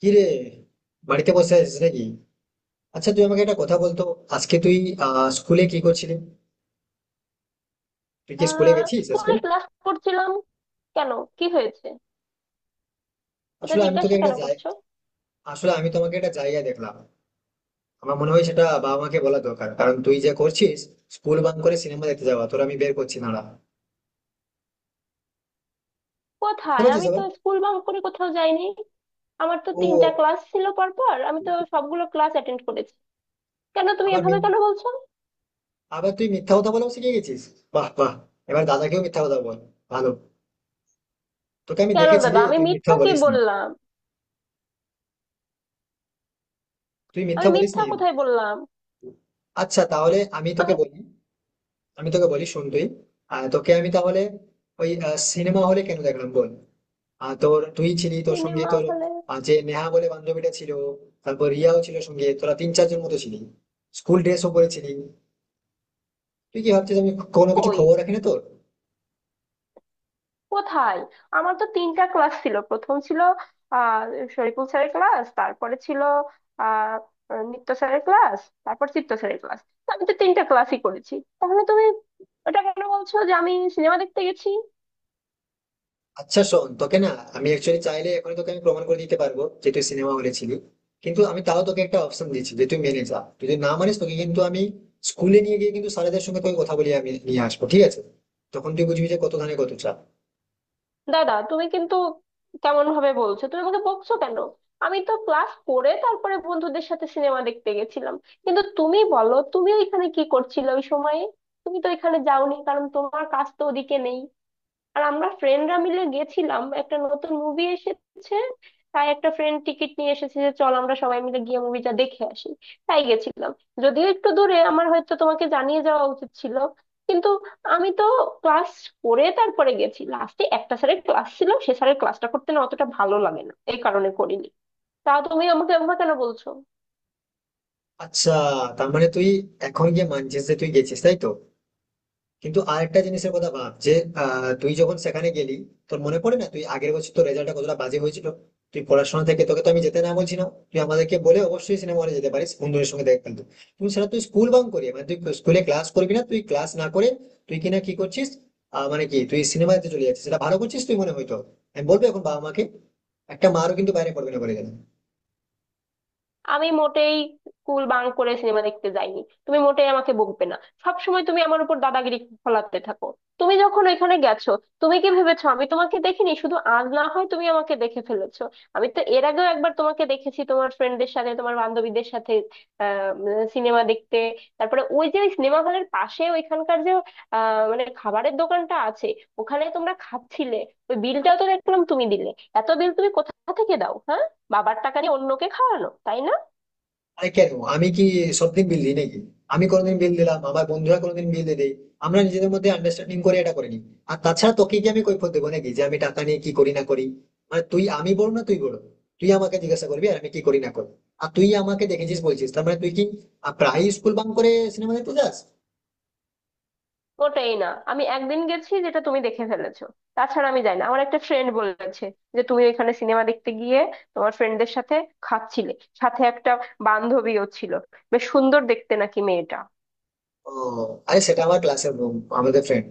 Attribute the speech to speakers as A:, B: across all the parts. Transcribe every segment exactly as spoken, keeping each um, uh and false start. A: কি রে? বাড়িতে বসে আছিস নাকি? আচ্ছা, তুই আমাকে একটা কথা বলতো। আজকে তুই আহ স্কুলে কি করছিলি? তুই কি স্কুলে
B: আহ
A: গেছিস আজকে?
B: স্কুলে ক্লাস করছিলাম। কেন, কি হয়েছে? এটা
A: আসলে আমি তোকে
B: জিজ্ঞাসা
A: একটা
B: কেন
A: জায়গা
B: করছো?
A: আসলে আমি তোমাকে একটা জায়গায় দেখলাম। আমার মনে হয় সেটা বাবা মাকে বলা দরকার, কারণ তুই যে করছিস স্কুল বাং করে সিনেমা দেখতে যাওয়া তোর আমি বের করছি না। বুঝতে
B: কোথায়?
A: পারছিস
B: আমি তো
A: আবার?
B: স্কুল বাঙ্ক করে কোথাও যাইনি। আমার তো
A: ও।
B: তিনটা ক্লাস ছিল পরপর, আমি তো সবগুলো ক্লাস অ্যাটেন্ড করেছি। কেন তুমি
A: আবার
B: এভাবে
A: মিথ-
B: কেন বলছো?
A: আবার তুই মিথ্যা কথা বলাও শিখে গেছিস। বাহ বাহ! এবার দাদাকেও মিথ্যা কথা বল। ভালো। তোকে আমি
B: কেন
A: দেখেছি
B: দাদা,
A: রে,
B: আমি
A: তুই মিথ্যা
B: মিথ্যা কি
A: বলিস না।
B: বললাম?
A: তুই মিথ্যা
B: আমি
A: বলিস
B: মিথ্যা
A: নি।
B: কোথায় বললাম?
A: আচ্ছা তাহলে আমি তোকে
B: আমি
A: বলি। আমি তোকে বলি, শোন তুই। আহ, তোকে আমি তাহলে ওই সিনেমা হলে কেন দেখলাম বল। আহ, তোর তুই ছিলি, তোর সঙ্গে
B: সিনেমা
A: তোর
B: হলে
A: আহ, যে নেহা বলে বান্ধবীটা ছিল। তারপর রিয়াও ছিল, সঙ্গে তোরা তিন চারজন মতো ছিলি। স্কুল ড্রেসও পরেছিলি। তুই কি ভাবছিস আমি কোনো কিছু
B: কই?
A: খবর রাখি না তোর?
B: কোথায়? আমার তো তিনটা ক্লাস ছিল, প্রথম ছিল আহ শরীফুল স্যারের ক্লাস, তারপরে ছিল আহ নৃত্য স্যারের ক্লাস, তারপর চিত্ত স্যারের ক্লাস। আমি তো তিনটা ক্লাসই করেছি। তাহলে তুমি ওটা কেন বলছো যে আমি সিনেমা দেখতে গেছি?
A: আচ্ছা শোন, তোকে না আমি অ্যাকচুয়ালি চাইলে এখন তোকে আমি প্রমাণ করে দিতে পারবো যে তুই সিনেমা হলে ছিলি। কিন্তু আমি তাও তোকে একটা অপশন দিচ্ছি যে তুই মেনে যা। তুই যদি না মানিস তোকে কিন্তু আমি স্কুলে নিয়ে গিয়ে কিন্তু স্যারেদের সঙ্গে তোকে কথা বলিয়ে আমি নিয়ে আসবো, ঠিক আছে? তখন তুই বুঝবি যে কত ধানে কত চাল।
B: দাদা তুমি কিন্তু কেমন ভাবে বলছো, তুমি আমাকে বকছো কেন? আমি তো ক্লাস করে তারপরে বন্ধুদের সাথে সিনেমা দেখতে গেছিলাম। কিন্তু তুমি বলো, তুমি ওইখানে কি করছিলে ওই সময়ে? তুমি তো এখানে যাওনি, কারণ তোমার কাজ তো ওদিকে নেই। আর আমরা ফ্রেন্ডরা মিলে গেছিলাম, একটা নতুন মুভি এসেছে, তাই একটা ফ্রেন্ড টিকিট নিয়ে এসেছে যে চল আমরা সবাই মিলে গিয়ে মুভিটা দেখে আসি। তাই গেছিলাম। যদিও একটু দূরে, আমার হয়তো তোমাকে জানিয়ে যাওয়া উচিত ছিল, কিন্তু আমি তো ক্লাস করে তারপরে গেছি। লাস্টে একটা স্যারের ক্লাস ছিল, সে স্যারের ক্লাসটা করতে না অতটা ভালো লাগে না, এই কারণে করিনি। তা তুমি আমাকে একবার কেন বলছো?
A: আচ্ছা, তার মানে তুই এখন গিয়ে মানছিস যে তুই গেছিস, তাই তো? কিন্তু আরেকটা জিনিসের কথা ভাব যে আহ, তুই যখন সেখানে গেলি, তোর মনে পড়ে না তুই আগের বছর তোর রেজাল্টটা কতটা বাজে হয়েছিল? তুই পড়াশোনা থেকে তোকে তো আমি যেতে না বলছি না। তুই আমাদেরকে বলে অবশ্যই সিনেমা হলে যেতে পারিস বন্ধুদের সঙ্গে দেখা, কিন্তু তুই সেটা তুই স্কুল বাং করি মানে তুই স্কুলে ক্লাস করবি না, তুই ক্লাস না করে তুই কিনা কি করছিস? আহ, মানে কি তুই সিনেমাতে চলে যাচ্ছিস সেটা ভালো করছিস তুই মনে হয়তো? আমি বলবো এখন বাবা মাকে। একটা মারও কিন্তু বাইরে পড়বে না বলে গেলাম।
B: আমি মোটেই স্কুল বাঙ্ক করে সিনেমা দেখতে যাইনি, তুমি মোটেই আমাকে বকবে না। সব সময় তুমি আমার উপর দাদাগিরি ফলাতে থাকো। তুমি যখন ওইখানে গেছো, তুমি কি ভেবেছো আমি তোমাকে দেখিনি? শুধু আজ না হয় তুমি আমাকে দেখে ফেলেছো, আমি তো এর আগেও একবার তোমাকে দেখেছি তোমার ফ্রেন্ডদের সাথে, তোমার বান্ধবীদের সাথে, আহ মানে সিনেমা দেখতে। তারপরে ওই যে সিনেমা হলের পাশে ওইখানকার যে আহ মানে খাবারের দোকানটা আছে, ওখানে তোমরা খাচ্ছিলে। ওই বিলটাও তো দেখলাম তুমি দিলে। এত বিল তুমি কোথা থেকে দাও, হ্যাঁ? বাবার টাকা নিয়ে অন্যকে খাওয়ানো, তাই না?
A: আরে কেন, আমি কি সবদিন বিল দিই নাকি? আমি কোনোদিন বিল দিলাম, আমার বন্ধুরা কোনোদিন বিল দিয়ে দেয়। আমরা নিজেদের মধ্যে আন্ডারস্ট্যান্ডিং করে এটা করে নিই। আর তাছাড়া তোকে কি আমি কৈফিয়ত দেবো নাকি যে আমি টাকা নিয়ে কি করি না করি? মানে তুই আমি বড় না তুই বড়? তুই আমাকে জিজ্ঞাসা করবি আর আমি কি করি না করি? আর তুই আমাকে দেখেছিস বলছিস, তার মানে তুই কি আহ, প্রায়ই স্কুল বাং করে সিনেমা দেখতে যাস?
B: ওটাই, না আমি একদিন গেছি যেটা তুমি দেখে ফেলেছো। তাছাড়া আমি যাই না। আমার একটা ফ্রেন্ড বলেছে যে তুমি ওইখানে সিনেমা দেখতে গিয়ে তোমার ফ্রেন্ডদের সাথে খাচ্ছিলে, সাথে একটা বান্ধবীও ছিল, বেশ সুন্দর দেখতে নাকি মেয়েটা।
A: ও, আরে সেটা আমার ক্লাসের বন্ধু, আমাদের ফ্রেন্ড।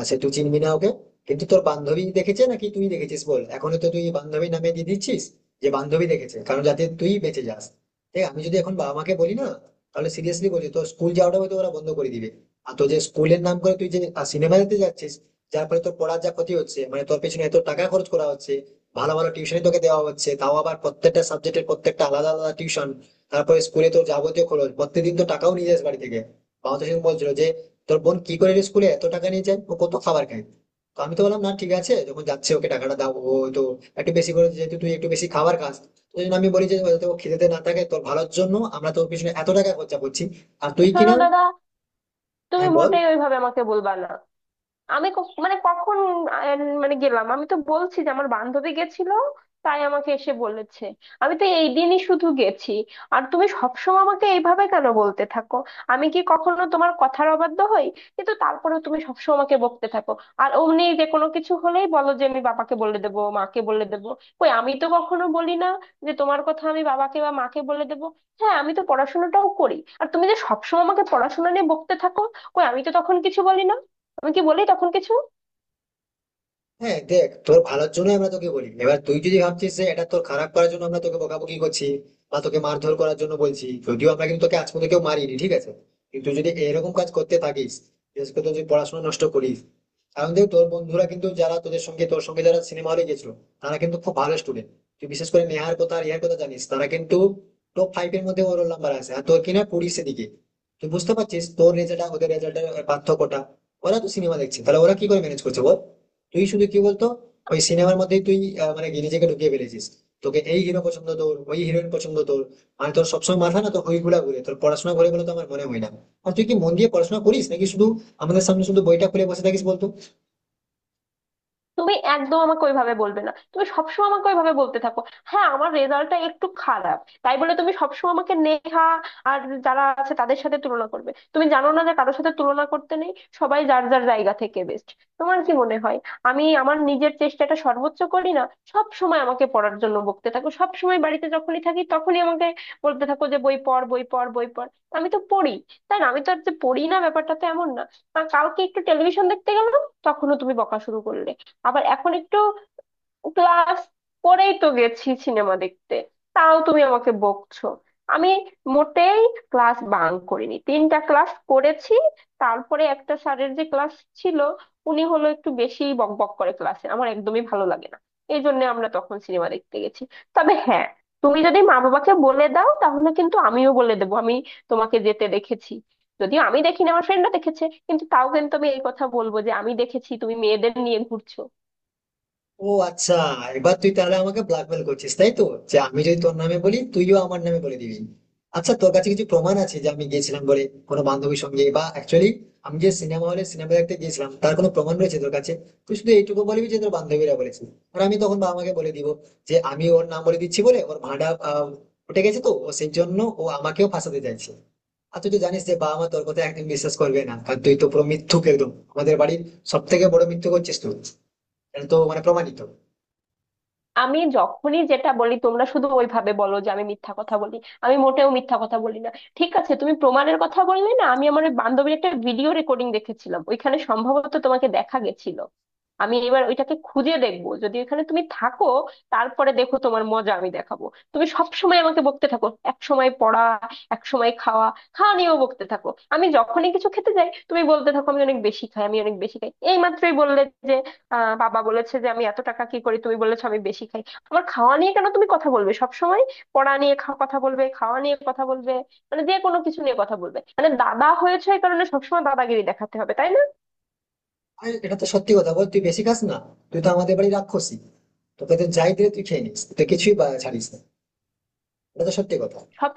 A: আচ্ছা তুই চিনবি না ওকে। কিন্তু তোর বান্ধবী দেখেছে নাকি তুই দেখেছিস বল? এখন তো তুই বান্ধবী নামে দিয়ে দিচ্ছিস যে বান্ধবী দেখেছে, কারণ যাতে তুই বেঁচে যাস। দেখ, আমি যদি এখন বাবা মাকে বলি না, তাহলে সিরিয়াসলি বলি তোর স্কুল যাওয়াটা হয়তো ওরা বন্ধ করে দিবে। আর তোর যে স্কুলের নাম করে তুই যে সিনেমা দেখতে যাচ্ছিস, যার ফলে তোর পড়ার যা ক্ষতি হচ্ছে, মানে তোর পেছনে এত টাকা খরচ করা হচ্ছে। ভালো ভালো টিউশনই তোকে দেওয়া হচ্ছে, তাও আবার প্রত্যেকটা সাবজেক্টের প্রত্যেকটা আলাদা আলাদা টিউশন। তারপরে স্কুলে তোর যাবতীয় খরচ, প্রত্যেকদিন তো টাকাও নিয়ে যাস বাড়ি থেকে। বাবা তো সেরকম বলছিল যে তোর বোন কি করে রে স্কুলে এত টাকা নিয়ে যায়, ও কত খাবার খায়। তো আমি তো বললাম, না ঠিক আছে, যখন যাচ্ছে ওকে টাকাটা দাও, ও তো একটু বেশি করে, যেহেতু তুই একটু বেশি খাবার খাস তো, ওই জন্য আমি বলি যে যাতে ও খিদেতে না থাকে। তোর ভালোর জন্য আমরা তোর পিছনে এত টাকা খরচা করছি, আর তুই
B: শোনো
A: কিনা।
B: দাদা, তুমি
A: হ্যাঁ বল।
B: মোটেই ওইভাবে আমাকে বলবা না। আমি ক- মানে কখন আহ, মানে গেলাম? আমি তো বলছি যে আমার বান্ধবী গেছিল, তাই আমাকে এসে বলেছে। আমি তো এই দিনই শুধু গেছি। আর তুমি সবসময় আমাকে এইভাবে কেন বলতে থাকো? আমি কি কখনো তোমার কথার অবাধ্য হই? কিন্তু তারপরেও তুমি সবসময় আমাকে বকতে থাকো। আর অমনি যে কোনো কিছু হলেই বলো যে আমি বাবাকে বলে দেবো, মাকে বলে দেবো। কই, আমি তো কখনো বলি না যে তোমার কথা আমি বাবাকে বা মাকে বলে দেবো। হ্যাঁ আমি তো পড়াশোনাটাও করি। আর তুমি যে সবসময় আমাকে পড়াশোনা নিয়ে বকতে থাকো, কই আমি তো তখন কিছু বলি না। আমি কি বলি তখন কিছু?
A: হ্যাঁ দেখ, তোর ভালোর জন্য আমরা তোকে বলি। এবার তুই যদি ভাবছিস যে এটা তোর খারাপ করার জন্য আমরা তোকে বকাবকি করছি, বা তোকে মারধর করার জন্য বলছি, যদিও আমরা কিন্তু তোকে আজ পর্যন্ত কেউ মারিনি, ঠিক আছে? কিন্তু যদি এরকম কাজ করতে থাকিস, বিশেষ করে তুই যদি পড়াশোনা নষ্ট করিস। কারণ দেখ, তোর বন্ধুরা কিন্তু যারা তোদের সঙ্গে তোর সঙ্গে যারা সিনেমা হলে গেছিল তারা কিন্তু খুব ভালো স্টুডেন্ট। তুই বিশেষ করে নেহার কথা আর ইহার কথা জানিস, তারা কিন্তু টপ ফাইভ এর মধ্যে ওর নাম্বার আছে, আর তোর কিনা কুড়ির দিকে। তুই বুঝতে পারছিস তোর রেজাল্ট ওদের রেজাল্টের পার্থক্যটা? ওরা তো সিনেমা দেখছে, তাহলে ওরা কি করে ম্যানেজ করছে বল? তুই শুধু কি বলতো, ওই সিনেমার মধ্যেই তুই আহ, মানে নিজেকে ঢুকিয়ে ফেলেছিস। তোকে এই হিরো পছন্দ, তোর ওই হিরোইন পছন্দ তোর। মানে তোর সবসময় মাথা না তো ওইগুলা ঘুরে, তোর পড়াশোনা ঘুরে বলে তো আমার মনে হয় না। আর তুই কি মন দিয়ে পড়াশোনা করিস নাকি শুধু আমাদের সামনে শুধু বইটা খুলে বসে থাকিস বলতো?
B: তুমি একদম আমাকে ওইভাবে বলবে না, তুমি সবসময় আমাকে ওইভাবে বলতে থাকো। হ্যাঁ আমার রেজাল্টটা একটু খারাপ, তাই বলে তুমি সবসময় আমাকে নেহা আর যারা আছে তাদের সাথে তুলনা করবে? তুমি জানো না যে কারোর সাথে তুলনা করতে নেই? সবাই যার যার জায়গা থেকে বেস্ট। তোমার কি মনে হয় আমি আমার নিজের চেষ্টাটা সর্বোচ্চ করি না? সব সময় আমাকে পড়ার জন্য বকতে থাকো, সব সময় বাড়িতে যখনই থাকি তখনই আমাকে বলতে থাকো যে বই পড়, বই পড়, বই পড়। আমি তো পড়ি, তাই না? আমি তো আর যে পড়ি না ব্যাপারটা তো এমন না। আর কালকে একটু টেলিভিশন দেখতে গেলাম, তখনও তুমি বকা শুরু করলে। আবার এখন একটু ক্লাস করেই তো গেছি সিনেমা দেখতে, তাও তুমি আমাকে বকছো। আমি মোটেই ক্লাস বাঙ্ক করিনি, তিনটা ক্লাস করেছি। তারপরে একটা স্যারের যে ক্লাস ছিল, উনি হলো একটু বেশি বক বক করে, ক্লাসে আমার একদমই ভালো লাগে না, এই জন্য আমরা তখন সিনেমা দেখতে গেছি। তবে হ্যাঁ, তুমি যদি মা বাবাকে বলে দাও তাহলে কিন্তু আমিও বলে দেবো, আমি তোমাকে যেতে দেখেছি। যদিও আমি দেখিনি, আমার ফ্রেন্ডরা দেখেছে, কিন্তু তাও কিন্তু আমি এই কথা বলবো যে আমি দেখেছি তুমি মেয়েদের নিয়ে ঘুরছো।
A: ও আচ্ছা, এবার তুই তাহলে আমাকে ব্ল্যাকমেল করছিস তাই তো? যে আমি যদি তোর নামে বলি তুইও আমার নামে বলে দিবি। আচ্ছা, তোর কাছে কিছু প্রমাণ আছে যে আমি গেছিলাম বলে কোনো বান্ধবীর সঙ্গে, বা অ্যাকচুয়ালি আমি যে সিনেমা হলে সিনেমা দেখতে গিয়েছিলাম তার কোনো প্রমাণ রয়েছে তোর কাছে? তুই শুধু এইটুকু বলবি যে তোর বান্ধবীরা বলেছে, আর আমি তখন বাবা মাকে বলে দিব যে আমি ওর নাম বলে দিচ্ছি বলে ওর ভাঁড়া আহ, উঠে গেছে তো ও সেই জন্য ও আমাকেও ফাঁসাতে চাইছে। আর তুই তো জানিস যে বাবা মা তোর কথা একদম বিশ্বাস করবে না, কারণ তুই তো পুরো মিথ্যুক, একদম আমাদের বাড়ির সব থেকে বড় মিথ্যুক হচ্ছিস তুই। এটা তো মানে প্রমাণিত।
B: আমি যখনই যেটা বলি তোমরা শুধু ওইভাবে বলো যে আমি মিথ্যা কথা বলি। আমি মোটেও মিথ্যা কথা বলি না। ঠিক আছে, তুমি প্রমাণের কথা বললে না, আমি আমার ওই বান্ধবীর একটা ভিডিও রেকর্ডিং দেখেছিলাম, ওইখানে সম্ভবত তোমাকে দেখা গেছিল। আমি এবার ওইটাকে খুঁজে দেখবো, যদি ওইখানে তুমি থাকো, তারপরে দেখো তোমার মজা আমি দেখাবো। তুমি সব সময় আমাকে বকতে থাকো, এক সময় পড়া, এক সময় খাওয়া, খাওয়া নিয়েও বকতে থাকো। আমি যখনই কিছু খেতে যাই তুমি বলতে থাকো আমি অনেক বেশি খাই, আমি অনেক বেশি খাই। এই মাত্রই বললে যে আহ বাবা বলেছে যে আমি এত টাকা কি করি, তুমি বলেছো আমি বেশি খাই। আমার খাওয়া নিয়ে কেন তুমি কথা বলবে সব সময়? পড়া নিয়ে খা- কথা বলবে, খাওয়া নিয়ে কথা বলবে, মানে যে কোনো কিছু নিয়ে কথা বলবে? মানে দাদা হয়েছে এই কারণে সবসময় দাদাগিরি দেখাতে হবে, তাই না?
A: আরে এটা তো সত্যি কথা বল, তুই বেশি খাস না? তুই তো আমাদের বাড়ি রাক্ষসী। তোকে তো যাই দিলে তুই খেয়ে নিস, তুই কিছুই বা- ছাড়িস না। এটা তো সত্যি কথা।
B: সব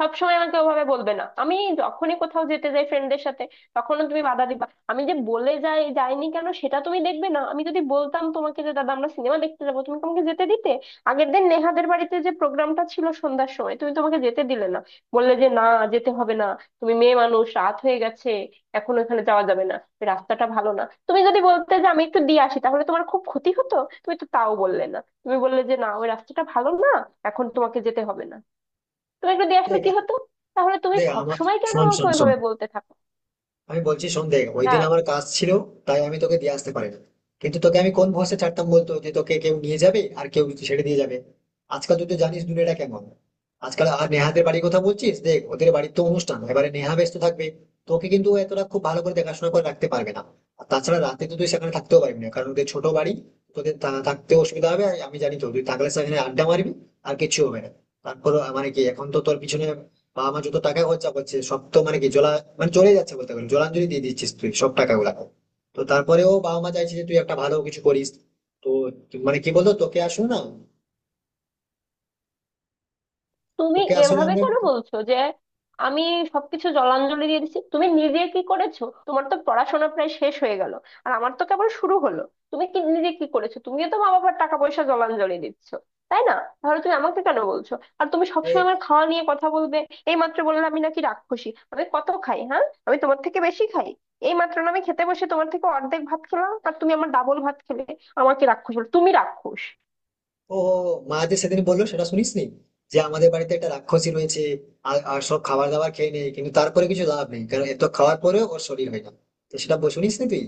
B: সবসময় আমাকে ওভাবে বলবে না। আমি যখনই কোথাও যেতে যাই ফ্রেন্ডদের সাথে তখনও তুমি বাধা দিবা। আমি যে বলে যাই যাইনি কেন সেটা তুমি দেখবে না? আমি যদি বলতাম তোমাকে যে দাদা আমরা সিনেমা দেখতে যাবো, তুমি কি আমাকে যেতে দিতে? আগের দিন নেহাদের বাড়িতে যে প্রোগ্রামটা ছিল সন্ধ্যার সময়, তুমি তোমাকে যেতে দিলে না, বললে যে না, যেতে হবে না, তুমি মেয়ে মানুষ, রাত হয়ে গেছে, এখন ওখানে যাওয়া যাবে না, রাস্তাটা ভালো না। তুমি যদি বলতে যে আমি একটু দিয়ে আসি, তাহলে তোমার খুব ক্ষতি হতো? তুমি তো তাও বললে না, তুমি বললে যে না, ওই রাস্তাটা ভালো না, এখন তোমাকে যেতে হবে না। তুমি একটু দিয়ে আসলে কি
A: দেখ।
B: হতো? তাহলে তুমি
A: দেখ
B: সব
A: আমার,
B: সময় কেন
A: শোন
B: আমাকে
A: শোন শোন
B: ওইভাবে বলতে থাকো?
A: আমি বলছি, শোন। দেখ, ওই দিন
B: না,
A: আমার কাজ ছিল, তাই আমি তোকে দিয়ে আসতে পারিনি। কিন্তু তোকে আমি কোন ভরসা ছাড়তাম বলতো, যে তোকে কেউ নিয়ে যাবে আর কেউ ছেড়ে দিয়ে যাবে? আজকাল তুই তো জানিস দুনিয়াটা কেমন আজকাল। আর নেহাদের বাড়ির কথা বলছিস, দেখ ওদের বাড়ির তো অনুষ্ঠান এবারে, নেহা ব্যস্ত থাকবে, তোকে কিন্তু ও এতটা খুব ভালো করে দেখাশোনা করে রাখতে পারবে না। আর তাছাড়া রাতে তো তুই সেখানে থাকতেও পারবি না কারণ ওদের ছোট বাড়ি, তোদের থা- থাকতে অসুবিধা হবে। আর আমি জানি তো তুই থাকলে সেখানে আড্ডা মারবি, আর কিছু হবে না। তারপর মানে কি, এখন তো তোর পিছনে বা আমার যত টাকা খরচা করছে সব তো মানে কি জলা মানে চলে যাচ্ছে বলতে গেলে, জলাঞ্জলি দিয়ে দিচ্ছিস তুই সব টাকাগুলা। তো তারপরেও বাবা মা চাইছে যে তুই একটা ভালো কিছু করিস। তো তুই- মানে কি বলতো তোকে আসলে না,
B: তুমি
A: তোকে আসলে
B: এভাবে
A: আমরা,
B: কেন বলছো যে আমি সবকিছু জলাঞ্জলি দিয়ে দিচ্ছি? তুমি নিজে কি করেছো? তোমার তো পড়াশোনা প্রায় শেষ হয়ে গেল, আর আমার তো কেবল শুরু হলো। তুমি কি নিজে কি করেছো? তুমিও তো মা বাবার টাকা পয়সা জলাঞ্জলি দিচ্ছ, তাই না? তাহলে তুমি আমাকে কেন বলছো? আর তুমি
A: যে
B: সবসময় আমার খাওয়া নিয়ে কথা বলবে? এই মাত্র বললে আমি নাকি রাক্ষসী, আমি কত খাই। হ্যাঁ আমি তোমার থেকে বেশি খাই? এই মাত্র না আমি খেতে বসে তোমার থেকে অর্ধেক ভাত খেলাম, আর তুমি আমার ডাবল ভাত খেলে। আমাকে রাক্ষস বলে, তুমি রাক্ষস।
A: ও ও, ও, মা যে সেদিন বললো সেটা শুনিসনি, যে আমাদের বাড়িতে একটা রাক্ষসী রয়েছে? আর আর সব খাবার দাবার খেয়ে নেয়, কিন্তু তারপরে কিছু লাভ নেই কারণ এত খাওয়ার পরেও ওর শরীর হয় না। তো সেটা শুনিস তুই?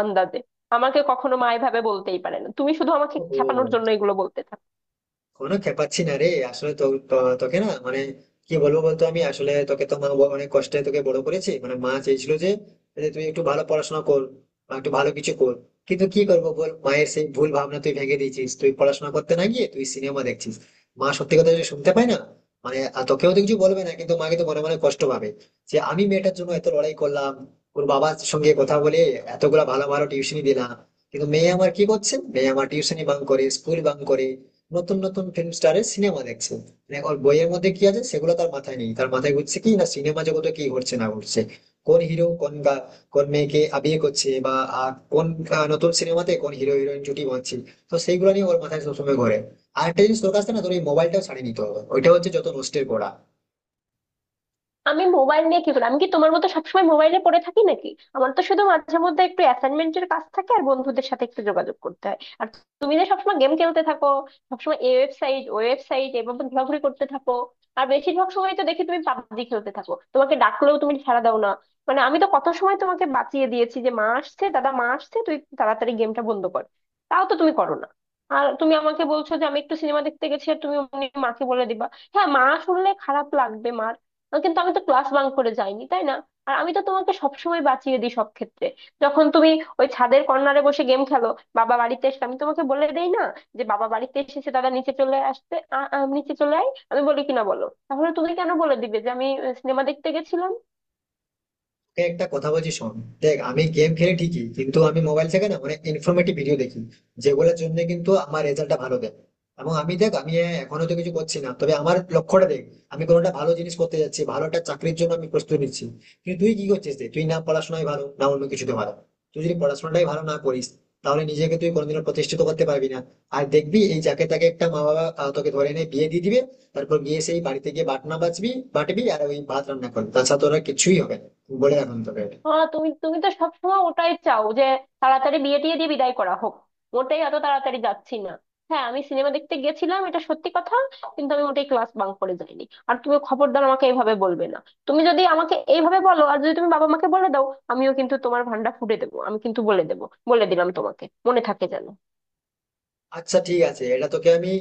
B: আন্দাজে আমাকে কখনো মা এভাবে বলতেই পারে না, তুমি শুধু আমাকে খেপানোর
A: ওহো,
B: জন্য এগুলো বলতে থাকো।
A: কোনো খেপাচ্ছি না রে। আসলে তো তো- তোকে না মানে কি বলবো বলতো, আমি আসলে তোকে তো মা ব- অনেক কষ্টে তোকে বড় করেছি মানে। মা চেয়েছিল যে, যে তুই একটু ভালো পড়াশোনা কর বা একটু ভালো কিছু কর। কিন্তু কি করবো বল, মায়ের সেই ভুল ভাবনা তুই ভেঙে দিয়েছিস। তুই পড়াশোনা করতে না গিয়ে তুই সিনেমা দেখছিস। মা সত্যি কথা যদি শুনতে পায় না, মানে আর তোকেও তো কিছু বলবে না, কিন্তু মা কিন্তু মনে মনে কষ্ট পাবে যে আমি মেয়েটার জন্য এত লড়াই করলাম, ওর বাবার সঙ্গে কথা বলে এতগুলা ভালো ভালো টিউশনি দিলাম। কিন্তু মেয়ে আমার কি করছে, মেয়ে আমার টিউশনি বাং করে স্কুল বাং করে নতুন নতুন ফিল্ম স্টারের সিনেমা দেখছে। মানে ওর বইয়ের মধ্যে কি আছে সেগুলো তার মাথায় নেই, তার মাথায় ঘুরছে কি না সিনেমা জগতে কি ঘটছে না ঘটছে, কোন হিরো কোন গা- কোন মেয়েকে আহ, বিয়ে করছে, বা আহ, কোন আহ, নতুন সিনেমাতে কোন হিরো হিরোইন জুটি বাঁধছে। তো সেইগুলো নিয়ে ওর মাথায় সবসময় ঘোরে। আর একটা জিনিস, তোর কাছে না তোর এই মোবাইলটাও ছাড়িয়ে নিতে হবে, ওইটা হচ্ছে যত নষ্টের পড়া।
B: আমি মোবাইল নিয়ে কি করি? আমি কি তোমার মতো সবসময় মোবাইলে পড়ে থাকি নাকি? আমার তো শুধু মাঝে মধ্যে একটু অ্যাসাইনমেন্টের কাজ থাকে আর বন্ধুদের সাথে একটু যোগাযোগ করতে হয়। আর তুমি যে সবসময় গেম খেলতে থাকো, সবসময় এই ওয়েবসাইট ওই ওয়েবসাইট এভাবে ঘোরাঘুরি করতে থাকো। আর বেশিরভাগ সময় তো দেখি তুমি পাবজি খেলতে থাকো, তোমাকে ডাকলেও তুমি সাড়া দাও না। মানে আমি তো কত সময় তোমাকে বাঁচিয়ে দিয়েছি যে মা আসছে, দাদা মা আসছে, তুই তাড়াতাড়ি গেমটা বন্ধ কর। তাও তো তুমি করো না। আর তুমি আমাকে বলছো যে আমি একটু সিনেমা দেখতে গেছি, আর তুমি অমনি মাকে বলে দিবা? হ্যাঁ মা শুনলে খারাপ লাগবে মার, আহ কিন্তু আমি তো ক্লাস বাঙ্ক করে যাইনি, তাই না? আর আমি তো তোমাকে সবসময় বাঁচিয়ে দিই সব ক্ষেত্রে, যখন তুমি ওই ছাদের কর্নারে বসে গেম খেলো, বাবা বাড়িতে এসে আমি তোমাকে বলে দেই না যে বাবা বাড়িতে এসেছে, দাদা নিচে চলে আসতে, আ- আ, নিচে চলে আয়। আমি বলি কিনা বলো? তাহলে তুমি কেন বলে দিবে যে আমি সিনেমা দেখতে গেছিলাম?
A: তোকে একটা কথা বলছি, শোন। দেখ আমি গেম খেলি ঠিকই, কিন্তু আমি মোবাইল থেকে না অনেক ইনফরমেটিভ ভিডিও দেখি যেগুলোর জন্য কিন্তু আমার রেজাল্টটা ভালো দেয়। এবং আমি দেখ, আমি এখনো তো কিছু করছি না, তবে আমার লক্ষ্যটা দেখ, আমি কোনো একটা ভালো জিনিস করতে যাচ্ছি, ভালো একটা চাকরির জন্য আমি প্রস্তুতি নিচ্ছি। কিন্তু তুই কি করছিস, দেখ তুই না পড়াশোনায় ভালো না অন্য কিছুতে ভালো। তুই যদি পড়াশোনাটাই ভালো না করিস, তাহলে নিজেকে তুই কোনোদিনও প্রতিষ্ঠিত করতে পারবি না। আর দেখবি এই যাকে তাকে একটা মা বাবা আহ, তোকে ধরে এনে বিয়ে দিয়ে দিবে। তারপর গিয়ে সেই বাড়িতে গিয়ে বাটনা বাজবি বাটবি আর ওই ভাত রান্না করবি, তাছাড়া তোরা কিছুই হবে না। বলে রাখুন তোকে এটা।
B: হ্যাঁ, তুমি তুমি তো সবসময় ওটাই চাও যে তাড়াতাড়ি বিয়ে টিয়ে দিয়ে বিদায় করা হোক। মোটেই এত তাড়াতাড়ি যাচ্ছি না। হ্যাঁ আমি সিনেমা দেখতে গেছিলাম এটা সত্যি কথা, কিন্তু আমি ওটাই ক্লাস বাঙ্ক করে যাইনি। আর তুমি খবরদার আমাকে এইভাবে বলবে না, তুমি যদি আমাকে এইভাবে বলো আর যদি তুমি বাবা মাকে বলে দাও, আমিও কিন্তু তোমার ভান্ডা ফুটে দেবো, আমি কিন্তু বলে দেবো। বলে দিলাম তোমাকে, মনে থাকে যেন।
A: আচ্ছা ঠিক আছে, এটা তোকে আমি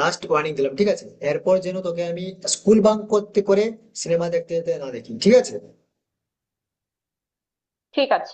A: লাস্ট ওয়ার্নিং দিলাম, ঠিক আছে? এরপর যেন তোকে আমি স্কুল বাঙ্ক করতে করে সিনেমা দেখতে যেতে না দেখি, ঠিক আছে?
B: ঠিক আছে।